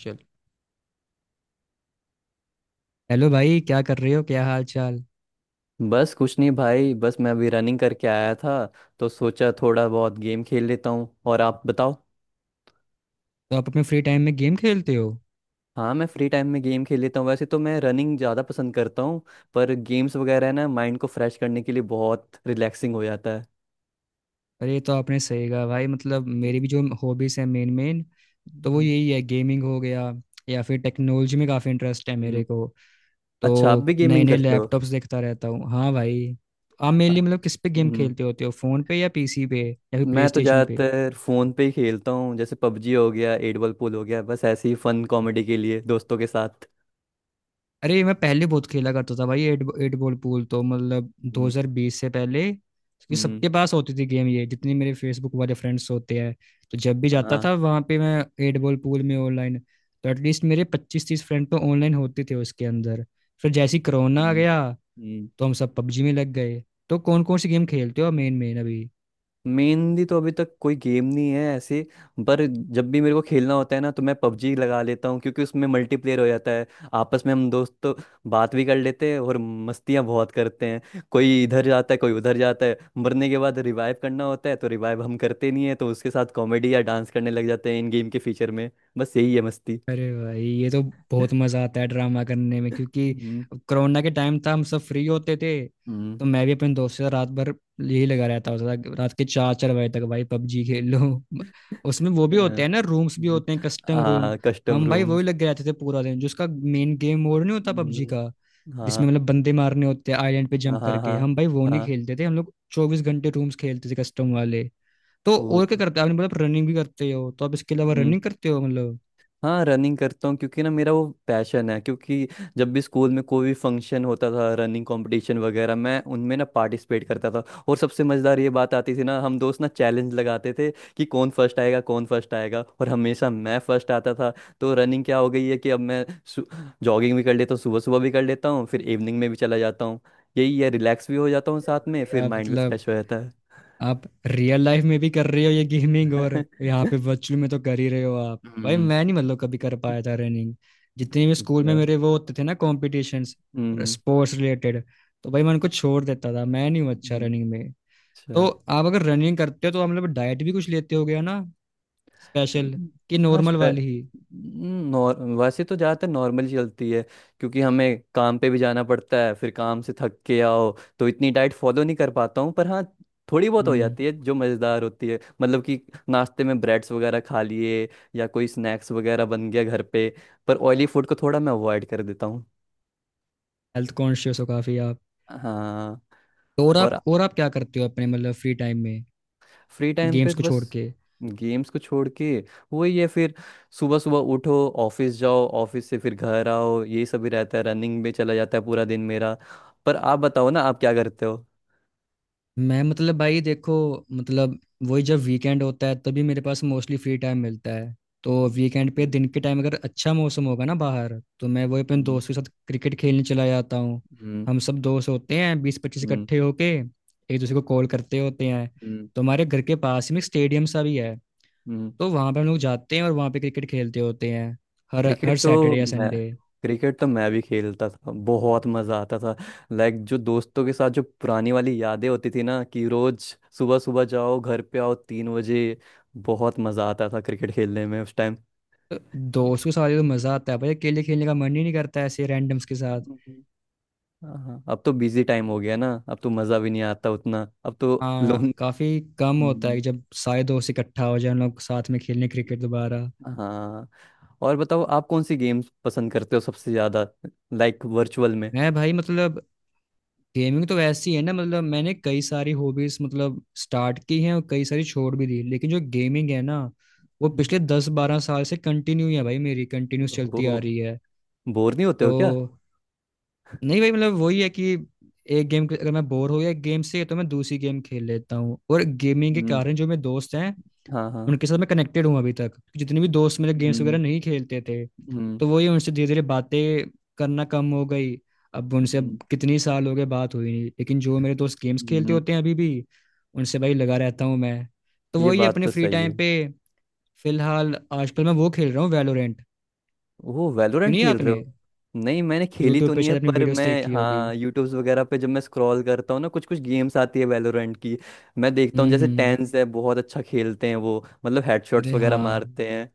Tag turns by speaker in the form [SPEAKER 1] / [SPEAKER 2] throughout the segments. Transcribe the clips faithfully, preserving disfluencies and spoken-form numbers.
[SPEAKER 1] चल, हेलो भाई। क्या कर रहे हो, क्या हाल चाल।
[SPEAKER 2] बस कुछ नहीं भाई। बस मैं अभी रनिंग करके आया था तो सोचा थोड़ा बहुत गेम खेल लेता हूँ। और आप बताओ।
[SPEAKER 1] तो आप अपने फ्री टाइम में गेम खेलते हो?
[SPEAKER 2] हाँ मैं फ्री टाइम में गेम खेल लेता हूँ। वैसे तो मैं रनिंग ज़्यादा पसंद करता हूँ पर गेम्स वगैरह ना माइंड को फ्रेश करने के लिए बहुत रिलैक्सिंग हो जाता है।
[SPEAKER 1] अरे ये तो आपने सही कहा भाई, मतलब मेरी भी जो हॉबीज है मेन मेन, तो वो
[SPEAKER 2] हम्म,
[SPEAKER 1] यही है, गेमिंग हो गया, या फिर टेक्नोलॉजी में काफ़ी इंटरेस्ट है मेरे
[SPEAKER 2] हम्म।
[SPEAKER 1] को। तो
[SPEAKER 2] अच्छा आप भी
[SPEAKER 1] नए
[SPEAKER 2] गेमिंग
[SPEAKER 1] नए
[SPEAKER 2] करते हो।
[SPEAKER 1] लैपटॉप्स देखता रहता हूँ, हाँ भाई। आप मेनली
[SPEAKER 2] अच्छा,
[SPEAKER 1] मतलब किस पे गेम
[SPEAKER 2] हम्म,
[SPEAKER 1] खेलते होते हो, फ़ोन पे या पीसी पे या फिर
[SPEAKER 2] मैं
[SPEAKER 1] प्ले
[SPEAKER 2] तो
[SPEAKER 1] स्टेशन पे?
[SPEAKER 2] ज़्यादातर फ़ोन पे ही खेलता हूँ जैसे पबजी हो गया एट बॉल पूल हो गया बस ऐसे ही फन कॉमेडी के लिए दोस्तों के साथ।
[SPEAKER 1] अरे, मैं पहले बहुत खेला करता था भाई। एट एट बॉल पूल तो मतलब
[SPEAKER 2] हम्म
[SPEAKER 1] दो हज़ार बीस से पहले ये
[SPEAKER 2] हम्म,
[SPEAKER 1] सबके पास होती थी गेम, ये जितने मेरे फेसबुक वाले फ्रेंड्स होते हैं, तो जब भी जाता
[SPEAKER 2] हाँ
[SPEAKER 1] था वहाँ पे मैं एट बॉल पूल में ऑनलाइन, तो एटलीस्ट मेरे पच्चीस तीस फ्रेंड तो ऑनलाइन होते थे उसके अंदर। फिर जैसे ही कोरोना आ
[SPEAKER 2] हम्म
[SPEAKER 1] गया
[SPEAKER 2] हम्म।
[SPEAKER 1] तो हम सब पबजी में लग गए। तो कौन कौन सी गेम खेलते हो मेन मेन अभी?
[SPEAKER 2] मेनली तो अभी तक कोई गेम नहीं है ऐसे पर जब भी मेरे को खेलना होता है ना तो मैं पबजी लगा लेता हूँ क्योंकि उसमें मल्टीप्लेयर हो जाता है। आपस में हम दोस्त तो बात भी कर लेते हैं और मस्तियाँ बहुत करते हैं। कोई इधर जाता है कोई उधर जाता है मरने के बाद रिवाइव करना होता है तो रिवाइव हम करते नहीं है तो उसके साथ कॉमेडी या डांस करने लग जाते हैं इन गेम के फीचर में। बस यही है मस्ती।
[SPEAKER 1] अरे भाई ये तो बहुत मजा आता है ड्रामा करने में, क्योंकि
[SPEAKER 2] हम्म
[SPEAKER 1] कोरोना के टाइम था हम सब फ्री होते थे।
[SPEAKER 2] हम्म
[SPEAKER 1] तो मैं भी अपने दोस्त के साथ रात भर यही लगा रहता होता था, रात के चार चार बजे तक भाई पबजी खेल लो। उसमें वो भी
[SPEAKER 2] हाँ,
[SPEAKER 1] होते हैं ना, रूम्स भी
[SPEAKER 2] हम्म,
[SPEAKER 1] होते हैं, कस्टम रूम।
[SPEAKER 2] आ कस्टम
[SPEAKER 1] हम भाई वही
[SPEAKER 2] रूम्स।
[SPEAKER 1] लग गए रहते थे पूरा दिन, जिसका मेन गेम मोड नहीं होता पबजी का,
[SPEAKER 2] हम्म
[SPEAKER 1] जिसमें
[SPEAKER 2] हाँ
[SPEAKER 1] मतलब बंदे मारने होते हैं आइलैंड पे
[SPEAKER 2] हाँ
[SPEAKER 1] जंप
[SPEAKER 2] हाँ हाँ
[SPEAKER 1] करके, हम भाई वो नहीं
[SPEAKER 2] हाँ,
[SPEAKER 1] खेलते थे, हम लोग चौबीस घंटे रूम्स खेलते थे, कस्टम वाले। तो
[SPEAKER 2] ओ।
[SPEAKER 1] और क्या करते हो आपने, मतलब रनिंग भी करते हो तो आप इसके अलावा रनिंग करते हो मतलब?
[SPEAKER 2] हाँ रनिंग करता हूँ क्योंकि ना मेरा वो पैशन है क्योंकि जब भी स्कूल में कोई भी फंक्शन होता था रनिंग कंपटीशन वगैरह मैं उनमें ना पार्टिसिपेट करता था। और सबसे मज़ेदार ये बात आती थी ना हम दोस्त ना चैलेंज लगाते थे कि कौन फर्स्ट आएगा कौन फर्स्ट आएगा। और हमेशा मैं फर्स्ट आता था तो रनिंग क्या हो गई है कि अब मैं जॉगिंग भी कर लेता हूँ। सुबह सुबह भी कर लेता हूँ फिर इवनिंग में भी चला जाता हूँ। यही है रिलैक्स भी हो जाता हूँ साथ में फिर
[SPEAKER 1] या
[SPEAKER 2] माइंड भी
[SPEAKER 1] मतलब
[SPEAKER 2] फ्रेश हो जाता है।
[SPEAKER 1] आप रियल लाइफ में भी कर रहे हो ये गेमिंग, और यहाँ पे वर्चुअल में तो कर ही रहे हो आप भाई।
[SPEAKER 2] हम्म
[SPEAKER 1] मैं नहीं मतलब कभी कर पाया था रनिंग। जितने भी स्कूल में
[SPEAKER 2] अच्छा
[SPEAKER 1] मेरे वो होते थे ना कॉम्पिटिशन्स,
[SPEAKER 2] हम्म
[SPEAKER 1] स्पोर्ट्स रिलेटेड, तो भाई मैं उनको छोड़ देता था, मैं नहीं हूँ अच्छा
[SPEAKER 2] हम्म,
[SPEAKER 1] रनिंग में। तो
[SPEAKER 2] अच्छा।
[SPEAKER 1] आप अगर रनिंग करते हो तो आप मतलब डाइट भी कुछ लेते हो गया ना, स्पेशल
[SPEAKER 2] हम्म,
[SPEAKER 1] कि
[SPEAKER 2] हाँ
[SPEAKER 1] नॉर्मल
[SPEAKER 2] स्पे
[SPEAKER 1] वाली ही?
[SPEAKER 2] नॉर वैसे तो ज़्यादातर नॉर्मल चलती है क्योंकि हमें काम पे भी जाना पड़ता है फिर काम से थक के आओ तो इतनी डाइट फॉलो नहीं कर पाता हूँ। पर हाँ थोड़ी बहुत हो
[SPEAKER 1] हम्म
[SPEAKER 2] जाती है जो मज़ेदार होती है मतलब कि नाश्ते में ब्रेड्स वगैरह खा लिए या कोई स्नैक्स वगैरह बन गया घर पे। पर ऑयली फूड को थोड़ा मैं अवॉइड कर देता हूँ।
[SPEAKER 1] हेल्थ कॉन्शियस हो काफी आप।
[SPEAKER 2] हाँ।
[SPEAKER 1] तो और
[SPEAKER 2] और
[SPEAKER 1] आप और आप क्या करते हो अपने मतलब फ्री टाइम में,
[SPEAKER 2] फ्री टाइम पे
[SPEAKER 1] गेम्स
[SPEAKER 2] तो
[SPEAKER 1] को
[SPEAKER 2] बस
[SPEAKER 1] छोड़ के?
[SPEAKER 2] गेम्स को छोड़ के वही है। फिर सुबह सुबह उठो ऑफिस जाओ ऑफिस से फिर घर आओ ये सब ही रहता है। रनिंग में चला जाता है पूरा दिन मेरा। पर आप बताओ ना आप क्या करते हो।
[SPEAKER 1] मैं मतलब भाई देखो, मतलब वही जब वीकेंड होता है तभी मेरे पास मोस्टली फ्री टाइम मिलता है। तो वीकेंड पे
[SPEAKER 2] हम्म
[SPEAKER 1] दिन के टाइम अगर अच्छा मौसम होगा ना बाहर, तो मैं वही अपने
[SPEAKER 2] हम्म
[SPEAKER 1] दोस्तों के साथ क्रिकेट खेलने चला जाता हूँ।
[SPEAKER 2] हम्म
[SPEAKER 1] हम सब दोस्त होते हैं बीस पच्चीस,
[SPEAKER 2] हम्म
[SPEAKER 1] इकट्ठे होके एक दूसरे को कॉल करते होते हैं।
[SPEAKER 2] हम्म,
[SPEAKER 1] तो हमारे घर के पास में स्टेडियम सा भी है।
[SPEAKER 2] हम्म।
[SPEAKER 1] तो वहाँ पर हम लोग जाते हैं और वहाँ पे क्रिकेट खेलते होते हैं, हर हर
[SPEAKER 2] क्रिकेट तो
[SPEAKER 1] सैटरडे या
[SPEAKER 2] मैं
[SPEAKER 1] संडे।
[SPEAKER 2] क्रिकेट तो मैं भी खेलता था। बहुत मज़ा आता था। लाइक जो दोस्तों के साथ जो पुरानी वाली यादें होती थी ना कि रोज सुबह सुबह जाओ घर पे आओ तीन बजे। बहुत मज़ा आता था क्रिकेट खेलने में उस टाइम।
[SPEAKER 1] तो दोस्तों के साथ तो मज़ा आता है भाई, अकेले खेलने का मन ही नहीं करता ऐसे रैंडम्स के साथ।
[SPEAKER 2] हम्म। हाँ हाँ, अब तो बिजी टाइम हो गया ना। अब तो मज़ा भी नहीं आता उतना अब तो
[SPEAKER 1] हाँ,
[SPEAKER 2] लोन।
[SPEAKER 1] काफी कम होता है
[SPEAKER 2] हम्म,
[SPEAKER 1] जब सारे दोस्त इकट्ठा हो जाए हम लोग साथ में खेलने क्रिकेट दोबारा।
[SPEAKER 2] हाँ। और बताओ आप कौन सी गेम्स पसंद करते हो सबसे ज़्यादा। लाइक वर्चुअल में।
[SPEAKER 1] मैं भाई मतलब गेमिंग तो वैसी है ना, मतलब मैंने कई सारी हॉबीज मतलब स्टार्ट की हैं और कई सारी छोड़ भी दी, लेकिन जो गेमिंग है ना वो पिछले दस बारह साल से कंटिन्यू है भाई, मेरी कंटिन्यूस चलती आ
[SPEAKER 2] ओह
[SPEAKER 1] रही है।
[SPEAKER 2] बोर नहीं होते हो क्या।
[SPEAKER 1] तो नहीं भाई, मतलब वही है कि एक गेम अगर मैं बोर हो गया एक गेम से, तो मैं दूसरी गेम खेल लेता हूँ। और गेमिंग के
[SPEAKER 2] हम्म
[SPEAKER 1] कारण जो मेरे दोस्त हैं
[SPEAKER 2] हाँ हाँ
[SPEAKER 1] उनके साथ मैं कनेक्टेड हूँ अभी तक। जितने भी दोस्त मेरे गेम्स
[SPEAKER 2] हम्म
[SPEAKER 1] वगैरह नहीं खेलते थे,
[SPEAKER 2] हम्म
[SPEAKER 1] तो वही उनसे धीरे धीरे बातें करना कम हो गई। अब उनसे
[SPEAKER 2] हम्म
[SPEAKER 1] अब कितनी साल हो गए बात हुई नहीं, लेकिन जो मेरे दोस्त गेम्स खेलते
[SPEAKER 2] हम्म,
[SPEAKER 1] होते हैं अभी भी उनसे भाई लगा रहता हूँ मैं। तो
[SPEAKER 2] ये
[SPEAKER 1] वही
[SPEAKER 2] बात
[SPEAKER 1] अपने
[SPEAKER 2] तो
[SPEAKER 1] फ्री
[SPEAKER 2] सही है।
[SPEAKER 1] टाइम पे फिलहाल आजकल मैं वो खेल रहा हूँ, वैलोरेंट।
[SPEAKER 2] वो वैलोरेंट
[SPEAKER 1] सुनिए,
[SPEAKER 2] खेल रहे
[SPEAKER 1] आपने
[SPEAKER 2] हो। नहीं मैंने खेली तो
[SPEAKER 1] यूट्यूब पे
[SPEAKER 2] नहीं है
[SPEAKER 1] शायद अपनी
[SPEAKER 2] पर
[SPEAKER 1] वीडियोस
[SPEAKER 2] मैं
[SPEAKER 1] देखी होगी।
[SPEAKER 2] हाँ यूट्यूब्स वगैरह पे जब मैं स्क्रॉल करता हूँ ना कुछ कुछ गेम्स आती है वैलोरेंट की। मैं देखता हूँ
[SPEAKER 1] हम्म,
[SPEAKER 2] जैसे
[SPEAKER 1] हम्म,
[SPEAKER 2] टेंस है बहुत अच्छा खेलते हैं वो। मतलब हेडशॉट्स
[SPEAKER 1] अरे
[SPEAKER 2] वगैरह
[SPEAKER 1] हाँ।
[SPEAKER 2] मारते हैं।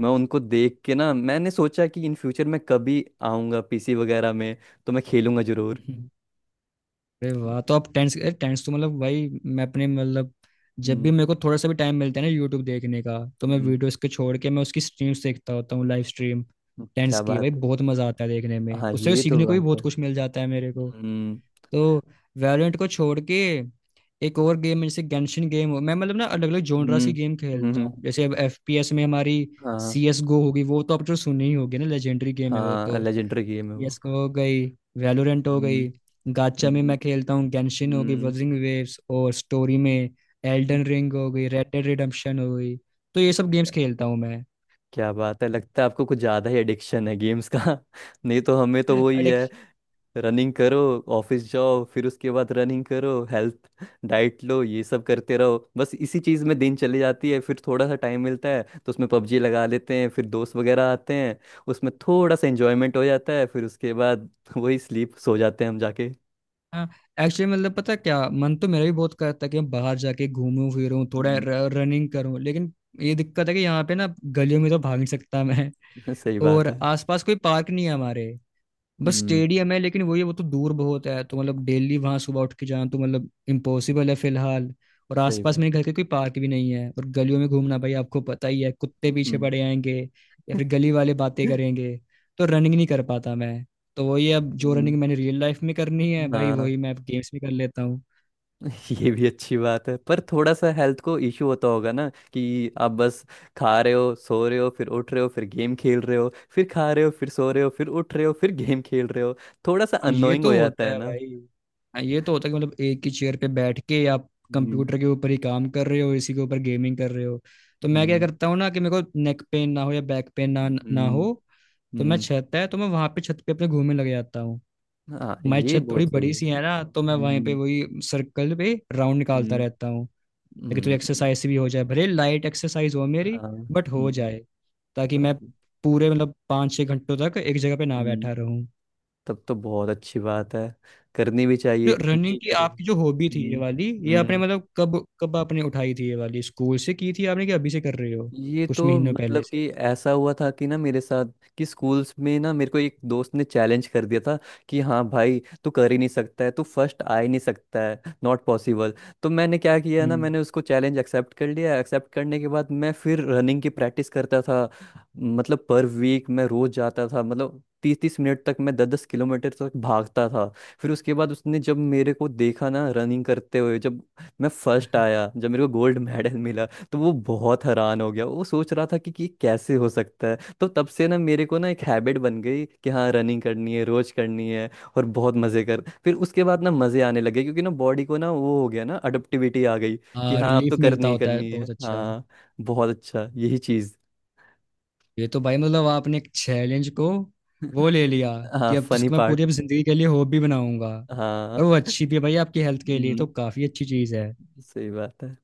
[SPEAKER 2] मैं उनको देख के ना मैंने सोचा कि इन फ्यूचर मैं कभी आऊँगा पीसी वगैरह में तो मैं खेलूंगा जरूर।
[SPEAKER 1] अरे वाह, तो आप टेंस। अरे टेंस तो मतलब भाई मैं अपने मतलब जब भी
[SPEAKER 2] हम्म
[SPEAKER 1] मेरे को थोड़ा सा भी टाइम मिलता है ना यूट्यूब देखने का, तो मैं
[SPEAKER 2] हम्म,
[SPEAKER 1] वीडियोस के छोड़ के मैं उसकी स्ट्रीम्स देखता होता हूँ, लाइव स्ट्रीम।
[SPEAKER 2] हम्म,
[SPEAKER 1] टेंस
[SPEAKER 2] क्या
[SPEAKER 1] की भाई
[SPEAKER 2] बात है।
[SPEAKER 1] बहुत मजा आता है देखने में,
[SPEAKER 2] हाँ
[SPEAKER 1] उससे
[SPEAKER 2] ये तो
[SPEAKER 1] सीखने को भी
[SPEAKER 2] बात है।
[SPEAKER 1] बहुत कुछ मिल जाता है मेरे को।
[SPEAKER 2] हम्म
[SPEAKER 1] तो वैलोरेंट को छोड़ के एक और गेम है, जैसे गेंशिन गेम हो। मैं मतलब ना अलग अलग जोनरास
[SPEAKER 2] हम्म
[SPEAKER 1] की गेम
[SPEAKER 2] हम्म
[SPEAKER 1] खेलता
[SPEAKER 2] हम्म,
[SPEAKER 1] हूँ। जैसे अब एफपीएस में हमारी
[SPEAKER 2] हाँ।
[SPEAKER 1] सी एस गो होगी, वो तो आप तो सुनी ही होगी ना, लेजेंडरी गेम है वो
[SPEAKER 2] हाँ
[SPEAKER 1] तो।
[SPEAKER 2] लेजेंडरी गेम है वो।
[SPEAKER 1] सी एस:GO हो गई, वैलोरेंट हो
[SPEAKER 2] हम्म
[SPEAKER 1] गई। गाचा में
[SPEAKER 2] हम्म,
[SPEAKER 1] मैं खेलता हूँ गेंशिन हो गई,
[SPEAKER 2] हम्म
[SPEAKER 1] वजिंग वेव्स। और स्टोरी में एल्डन रिंग हो गई, रेड डेड रिडेम्पशन हो गई। तो ये सब गेम्स खेलता हूँ मैं।
[SPEAKER 2] क्या बात है लगता है आपको कुछ ज्यादा ही एडिक्शन है गेम्स का। नहीं तो हमें तो वही है
[SPEAKER 1] एडिक्शन?
[SPEAKER 2] रनिंग करो ऑफिस जाओ फिर उसके बाद रनिंग करो हेल्थ डाइट लो ये सब करते रहो। बस इसी चीज में दिन चली जाती है फिर थोड़ा सा टाइम मिलता है तो उसमें पबजी लगा लेते हैं फिर दोस्त वगैरह आते हैं। उसमें थोड़ा सा एंजॉयमेंट हो जाता है फिर उसके बाद वही स्लीप सो जाते हैं हम जाके।
[SPEAKER 1] हाँ, एक्चुअली मतलब पता है क्या, मन तो मेरा भी बहुत करता है कि मैं बाहर जाके घूमूं फिरूं थोड़ा,
[SPEAKER 2] हम्म,
[SPEAKER 1] रनिंग करूं, लेकिन ये दिक्कत है कि यहाँ पे ना गलियों में तो भाग नहीं सकता मैं।
[SPEAKER 2] सही बात
[SPEAKER 1] और
[SPEAKER 2] है।
[SPEAKER 1] आसपास कोई पार्क नहीं है हमारे, बस
[SPEAKER 2] हम्म
[SPEAKER 1] स्टेडियम है लेकिन वही है, वो तो दूर बहुत है तो मतलब डेली वहां सुबह उठ के जाना तो मतलब इम्पॉसिबल है फिलहाल। और
[SPEAKER 2] सही
[SPEAKER 1] आसपास
[SPEAKER 2] बात
[SPEAKER 1] मेरे घर के कोई पार्क भी नहीं है, और गलियों में घूमना भाई आपको पता ही है, कुत्ते पीछे
[SPEAKER 2] हम्म।
[SPEAKER 1] पड़े आएंगे या फिर गली वाले बातें करेंगे, तो रनिंग नहीं कर पाता मैं। तो वही अब जो
[SPEAKER 2] हम्म,
[SPEAKER 1] रनिंग मैंने रियल लाइफ में करनी है भाई
[SPEAKER 2] हाँ।
[SPEAKER 1] वही मैं अब गेम्स में कर लेता हूँ।
[SPEAKER 2] ये भी अच्छी बात है पर थोड़ा सा हेल्थ को इश्यू होता होगा ना कि आप बस खा रहे हो सो रहे हो फिर उठ रहे हो फिर गेम खेल रहे हो फिर खा रहे हो फिर सो रहे हो फिर उठ रहे हो फिर गेम खेल रहे हो। थोड़ा सा
[SPEAKER 1] हाँ, ये
[SPEAKER 2] अननोइंग हो
[SPEAKER 1] तो
[SPEAKER 2] जाता
[SPEAKER 1] होता
[SPEAKER 2] है
[SPEAKER 1] है
[SPEAKER 2] ना।
[SPEAKER 1] भाई। हाँ, ये तो होता है कि मतलब एक ही चेयर पे बैठ के आप
[SPEAKER 2] हम्म
[SPEAKER 1] कंप्यूटर के ऊपर ही काम कर रहे हो, इसी के ऊपर गेमिंग कर रहे हो। तो मैं क्या
[SPEAKER 2] हम्म
[SPEAKER 1] करता हूँ ना, कि मेरे को नेक पेन ना हो या बैक पेन ना ना हो,
[SPEAKER 2] हम्म
[SPEAKER 1] तो मैं
[SPEAKER 2] हम्म।
[SPEAKER 1] छत है तो मैं वहां पे छत पे अपने घूमने लग जाता हूँ।
[SPEAKER 2] हाँ
[SPEAKER 1] हमारी
[SPEAKER 2] ये
[SPEAKER 1] छत थोड़ी
[SPEAKER 2] बहुत सही
[SPEAKER 1] बड़ी
[SPEAKER 2] है।
[SPEAKER 1] सी है ना, तो मैं वहीं पे
[SPEAKER 2] हम्म
[SPEAKER 1] वही सर्कल पे राउंड निकालता
[SPEAKER 2] हम्म
[SPEAKER 1] रहता हूँ, ताकि थोड़ी
[SPEAKER 2] हम्म,
[SPEAKER 1] एक्सरसाइज भी हो जाए, भले लाइट एक्सरसाइज हो मेरी
[SPEAKER 2] हाँ
[SPEAKER 1] बट हो
[SPEAKER 2] हम्म
[SPEAKER 1] जाए, ताकि मैं
[SPEAKER 2] हाँ,
[SPEAKER 1] पूरे मतलब पाँच छः घंटों तक एक जगह पे ना
[SPEAKER 2] हम्म।
[SPEAKER 1] बैठा रहूं।
[SPEAKER 2] तब तो बहुत अच्छी बात है। करनी भी चाहिए
[SPEAKER 1] तो रनिंग
[SPEAKER 2] नहीं
[SPEAKER 1] की
[SPEAKER 2] करो।
[SPEAKER 1] आपकी जो हॉबी थी ये
[SPEAKER 2] हम्म।
[SPEAKER 1] वाली, ये आपने
[SPEAKER 2] हम्म।
[SPEAKER 1] मतलब कब कब आपने उठाई थी ये वाली, स्कूल से की थी आपने कि अभी से कर रहे हो
[SPEAKER 2] ये
[SPEAKER 1] कुछ
[SPEAKER 2] तो
[SPEAKER 1] महीनों पहले
[SPEAKER 2] मतलब
[SPEAKER 1] से?
[SPEAKER 2] कि ऐसा हुआ था कि ना मेरे साथ कि स्कूल्स में ना मेरे को एक दोस्त ने चैलेंज कर दिया था कि हाँ भाई तू कर ही नहीं सकता है तू फर्स्ट आ ही नहीं सकता है नॉट पॉसिबल। तो मैंने क्या किया ना
[SPEAKER 1] हम्म।
[SPEAKER 2] मैंने उसको चैलेंज एक्सेप्ट कर लिया। एक्सेप्ट करने के बाद मैं फिर रनिंग की प्रैक्टिस करता था मतलब पर वीक मैं रोज जाता था। मतलब तीस तीस मिनट तक मैं दस दस किलोमीटर तक भागता था। फिर उसके बाद उसने जब मेरे को देखा ना रनिंग करते हुए जब मैं फर्स्ट आया जब मेरे को गोल्ड मेडल मिला तो वो बहुत हैरान हो गया। वो सोच रहा था कि, कि ये कैसे हो सकता है। तो तब से ना मेरे को ना एक हैबिट बन गई कि हाँ रनिंग करनी है रोज करनी है। और बहुत मजे कर फिर उसके बाद ना मजे आने लगे क्योंकि ना बॉडी को ना वो हो गया ना अडप्टिविटी आ गई कि
[SPEAKER 1] हाँ,
[SPEAKER 2] हाँ अब
[SPEAKER 1] रिलीफ
[SPEAKER 2] तो करनी
[SPEAKER 1] मिलता
[SPEAKER 2] ही
[SPEAKER 1] होता है
[SPEAKER 2] करनी है।
[SPEAKER 1] बहुत अच्छा।
[SPEAKER 2] हाँ बहुत अच्छा यही चीज।
[SPEAKER 1] ये तो भाई मतलब आपने एक चैलेंज को वो ले लिया,
[SPEAKER 2] हाँ
[SPEAKER 1] कि अब तो
[SPEAKER 2] फनी
[SPEAKER 1] उसको मैं पूरी
[SPEAKER 2] पार्ट।
[SPEAKER 1] अब जिंदगी के लिए हॉबी बनाऊंगा।
[SPEAKER 2] हाँ।
[SPEAKER 1] और वो अच्छी भी है भाई, आपकी हेल्थ के लिए
[SPEAKER 2] हम्म,
[SPEAKER 1] तो काफी अच्छी चीज है।
[SPEAKER 2] सही बात है।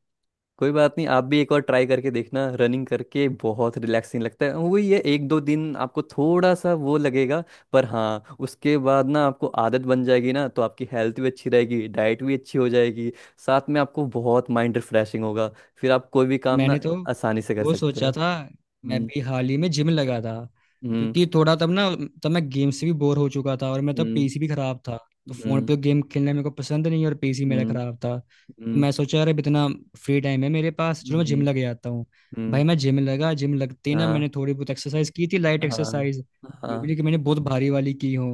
[SPEAKER 2] कोई बात नहीं आप भी एक बार ट्राई करके देखना रनिंग करके। बहुत रिलैक्सिंग लगता है वही है एक दो दिन आपको थोड़ा सा वो लगेगा। पर हाँ उसके बाद ना आपको आदत बन जाएगी ना तो आपकी हेल्थ भी अच्छी रहेगी डाइट भी अच्छी हो जाएगी। साथ में आपको बहुत माइंड रिफ्रेशिंग होगा फिर आप कोई भी काम ना
[SPEAKER 1] मैंने तो
[SPEAKER 2] आसानी से कर
[SPEAKER 1] वो
[SPEAKER 2] सकते हो।
[SPEAKER 1] सोचा था, मैं
[SPEAKER 2] हम्म
[SPEAKER 1] भी हाल ही में जिम लगा था,
[SPEAKER 2] हम्म
[SPEAKER 1] क्योंकि थोड़ा तब ना तब मैं गेम से भी बोर हो चुका था, और मैं तब
[SPEAKER 2] हम्म
[SPEAKER 1] पीसी भी खराब था। तो फोन
[SPEAKER 2] हम्म
[SPEAKER 1] पे गेम खेलना मेरे को पसंद नहीं, और पीसी मेरा
[SPEAKER 2] हम्म
[SPEAKER 1] खराब था, तो
[SPEAKER 2] हम्म
[SPEAKER 1] मैं सोचा अरे अब इतना फ्री टाइम है मेरे पास,
[SPEAKER 2] हम्म
[SPEAKER 1] चलो मैं जिम लगे आता हूँ।
[SPEAKER 2] हम्म,
[SPEAKER 1] भाई मैं जिम लगा, जिम लगते ही ना
[SPEAKER 2] हाँ
[SPEAKER 1] मैंने थोड़ी बहुत एक्सरसाइज की थी, लाइट
[SPEAKER 2] हाँ
[SPEAKER 1] एक्सरसाइज, ये भी
[SPEAKER 2] हाँ
[SPEAKER 1] नहीं कि मैंने बहुत भारी वाली की हो।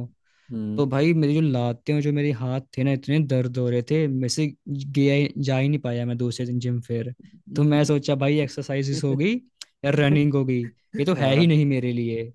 [SPEAKER 2] हम्म
[SPEAKER 1] तो भाई मेरी जो लातें और जो मेरे हाथ थे ना इतने दर्द हो रहे थे, मेरे से गया ही- जा ही नहीं पाया मैं दूसरे दिन जिम फिर। तो मैं
[SPEAKER 2] हम्म,
[SPEAKER 1] सोचा भाई एक्सरसाइजेस हो गई या रनिंग हो गई, ये तो है
[SPEAKER 2] हाँ।
[SPEAKER 1] ही नहीं मेरे लिए।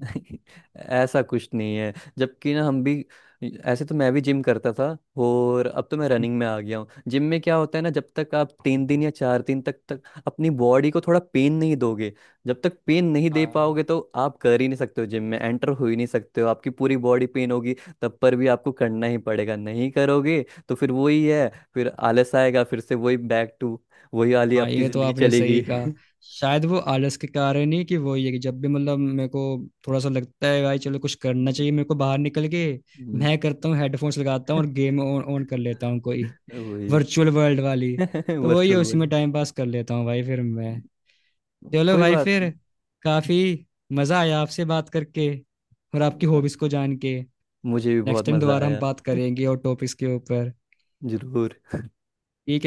[SPEAKER 2] ऐसा कुछ नहीं है जबकि ना हम भी ऐसे तो मैं भी जिम करता था। और अब तो मैं रनिंग में आ गया हूँ। जिम में क्या होता है ना जब तक आप तीन दिन या चार दिन तक तक अपनी बॉडी को थोड़ा पेन नहीं दोगे जब तक पेन नहीं दे
[SPEAKER 1] हाँ
[SPEAKER 2] पाओगे तो आप कर ही नहीं सकते हो जिम में एंटर हो ही नहीं सकते हो आपकी पूरी बॉडी पेन होगी। तब पर भी आपको करना ही पड़ेगा। नहीं करोगे तो फिर वही है फिर आलस आएगा फिर से वही बैक टू वही वाली
[SPEAKER 1] हाँ,
[SPEAKER 2] आपकी
[SPEAKER 1] ये तो
[SPEAKER 2] जिंदगी
[SPEAKER 1] आपने
[SPEAKER 2] चलेगी।
[SPEAKER 1] सही कहा। शायद वो आलस के कारण ही, कि वो ये कि जब भी मतलब मेरे को थोड़ा सा लगता है भाई चलो कुछ करना
[SPEAKER 2] हम्म,
[SPEAKER 1] चाहिए मेरे को बाहर निकल के,
[SPEAKER 2] हम्म,
[SPEAKER 1] मैं करता हूँ हेडफोन्स लगाता हूँ और गेम ऑन ऑन कर लेता हूँ, कोई
[SPEAKER 2] वही
[SPEAKER 1] वर्चुअल वर्ल्ड वाली। तो वही
[SPEAKER 2] वर्चुअल
[SPEAKER 1] उसी
[SPEAKER 2] वर्ल्ड।
[SPEAKER 1] में टाइम पास कर लेता हूँ भाई फिर मैं। चलो
[SPEAKER 2] कोई
[SPEAKER 1] भाई
[SPEAKER 2] बात
[SPEAKER 1] फिर, काफी मजा आया आपसे बात करके, और आपकी
[SPEAKER 2] नहीं।
[SPEAKER 1] हॉबीज को जान के।
[SPEAKER 2] मुझे भी
[SPEAKER 1] नेक्स्ट
[SPEAKER 2] बहुत
[SPEAKER 1] टाइम
[SPEAKER 2] मजा
[SPEAKER 1] दोबारा हम
[SPEAKER 2] आया।
[SPEAKER 1] बात करेंगे और टॉपिक्स के ऊपर,
[SPEAKER 2] जरूर।
[SPEAKER 1] ठीक है?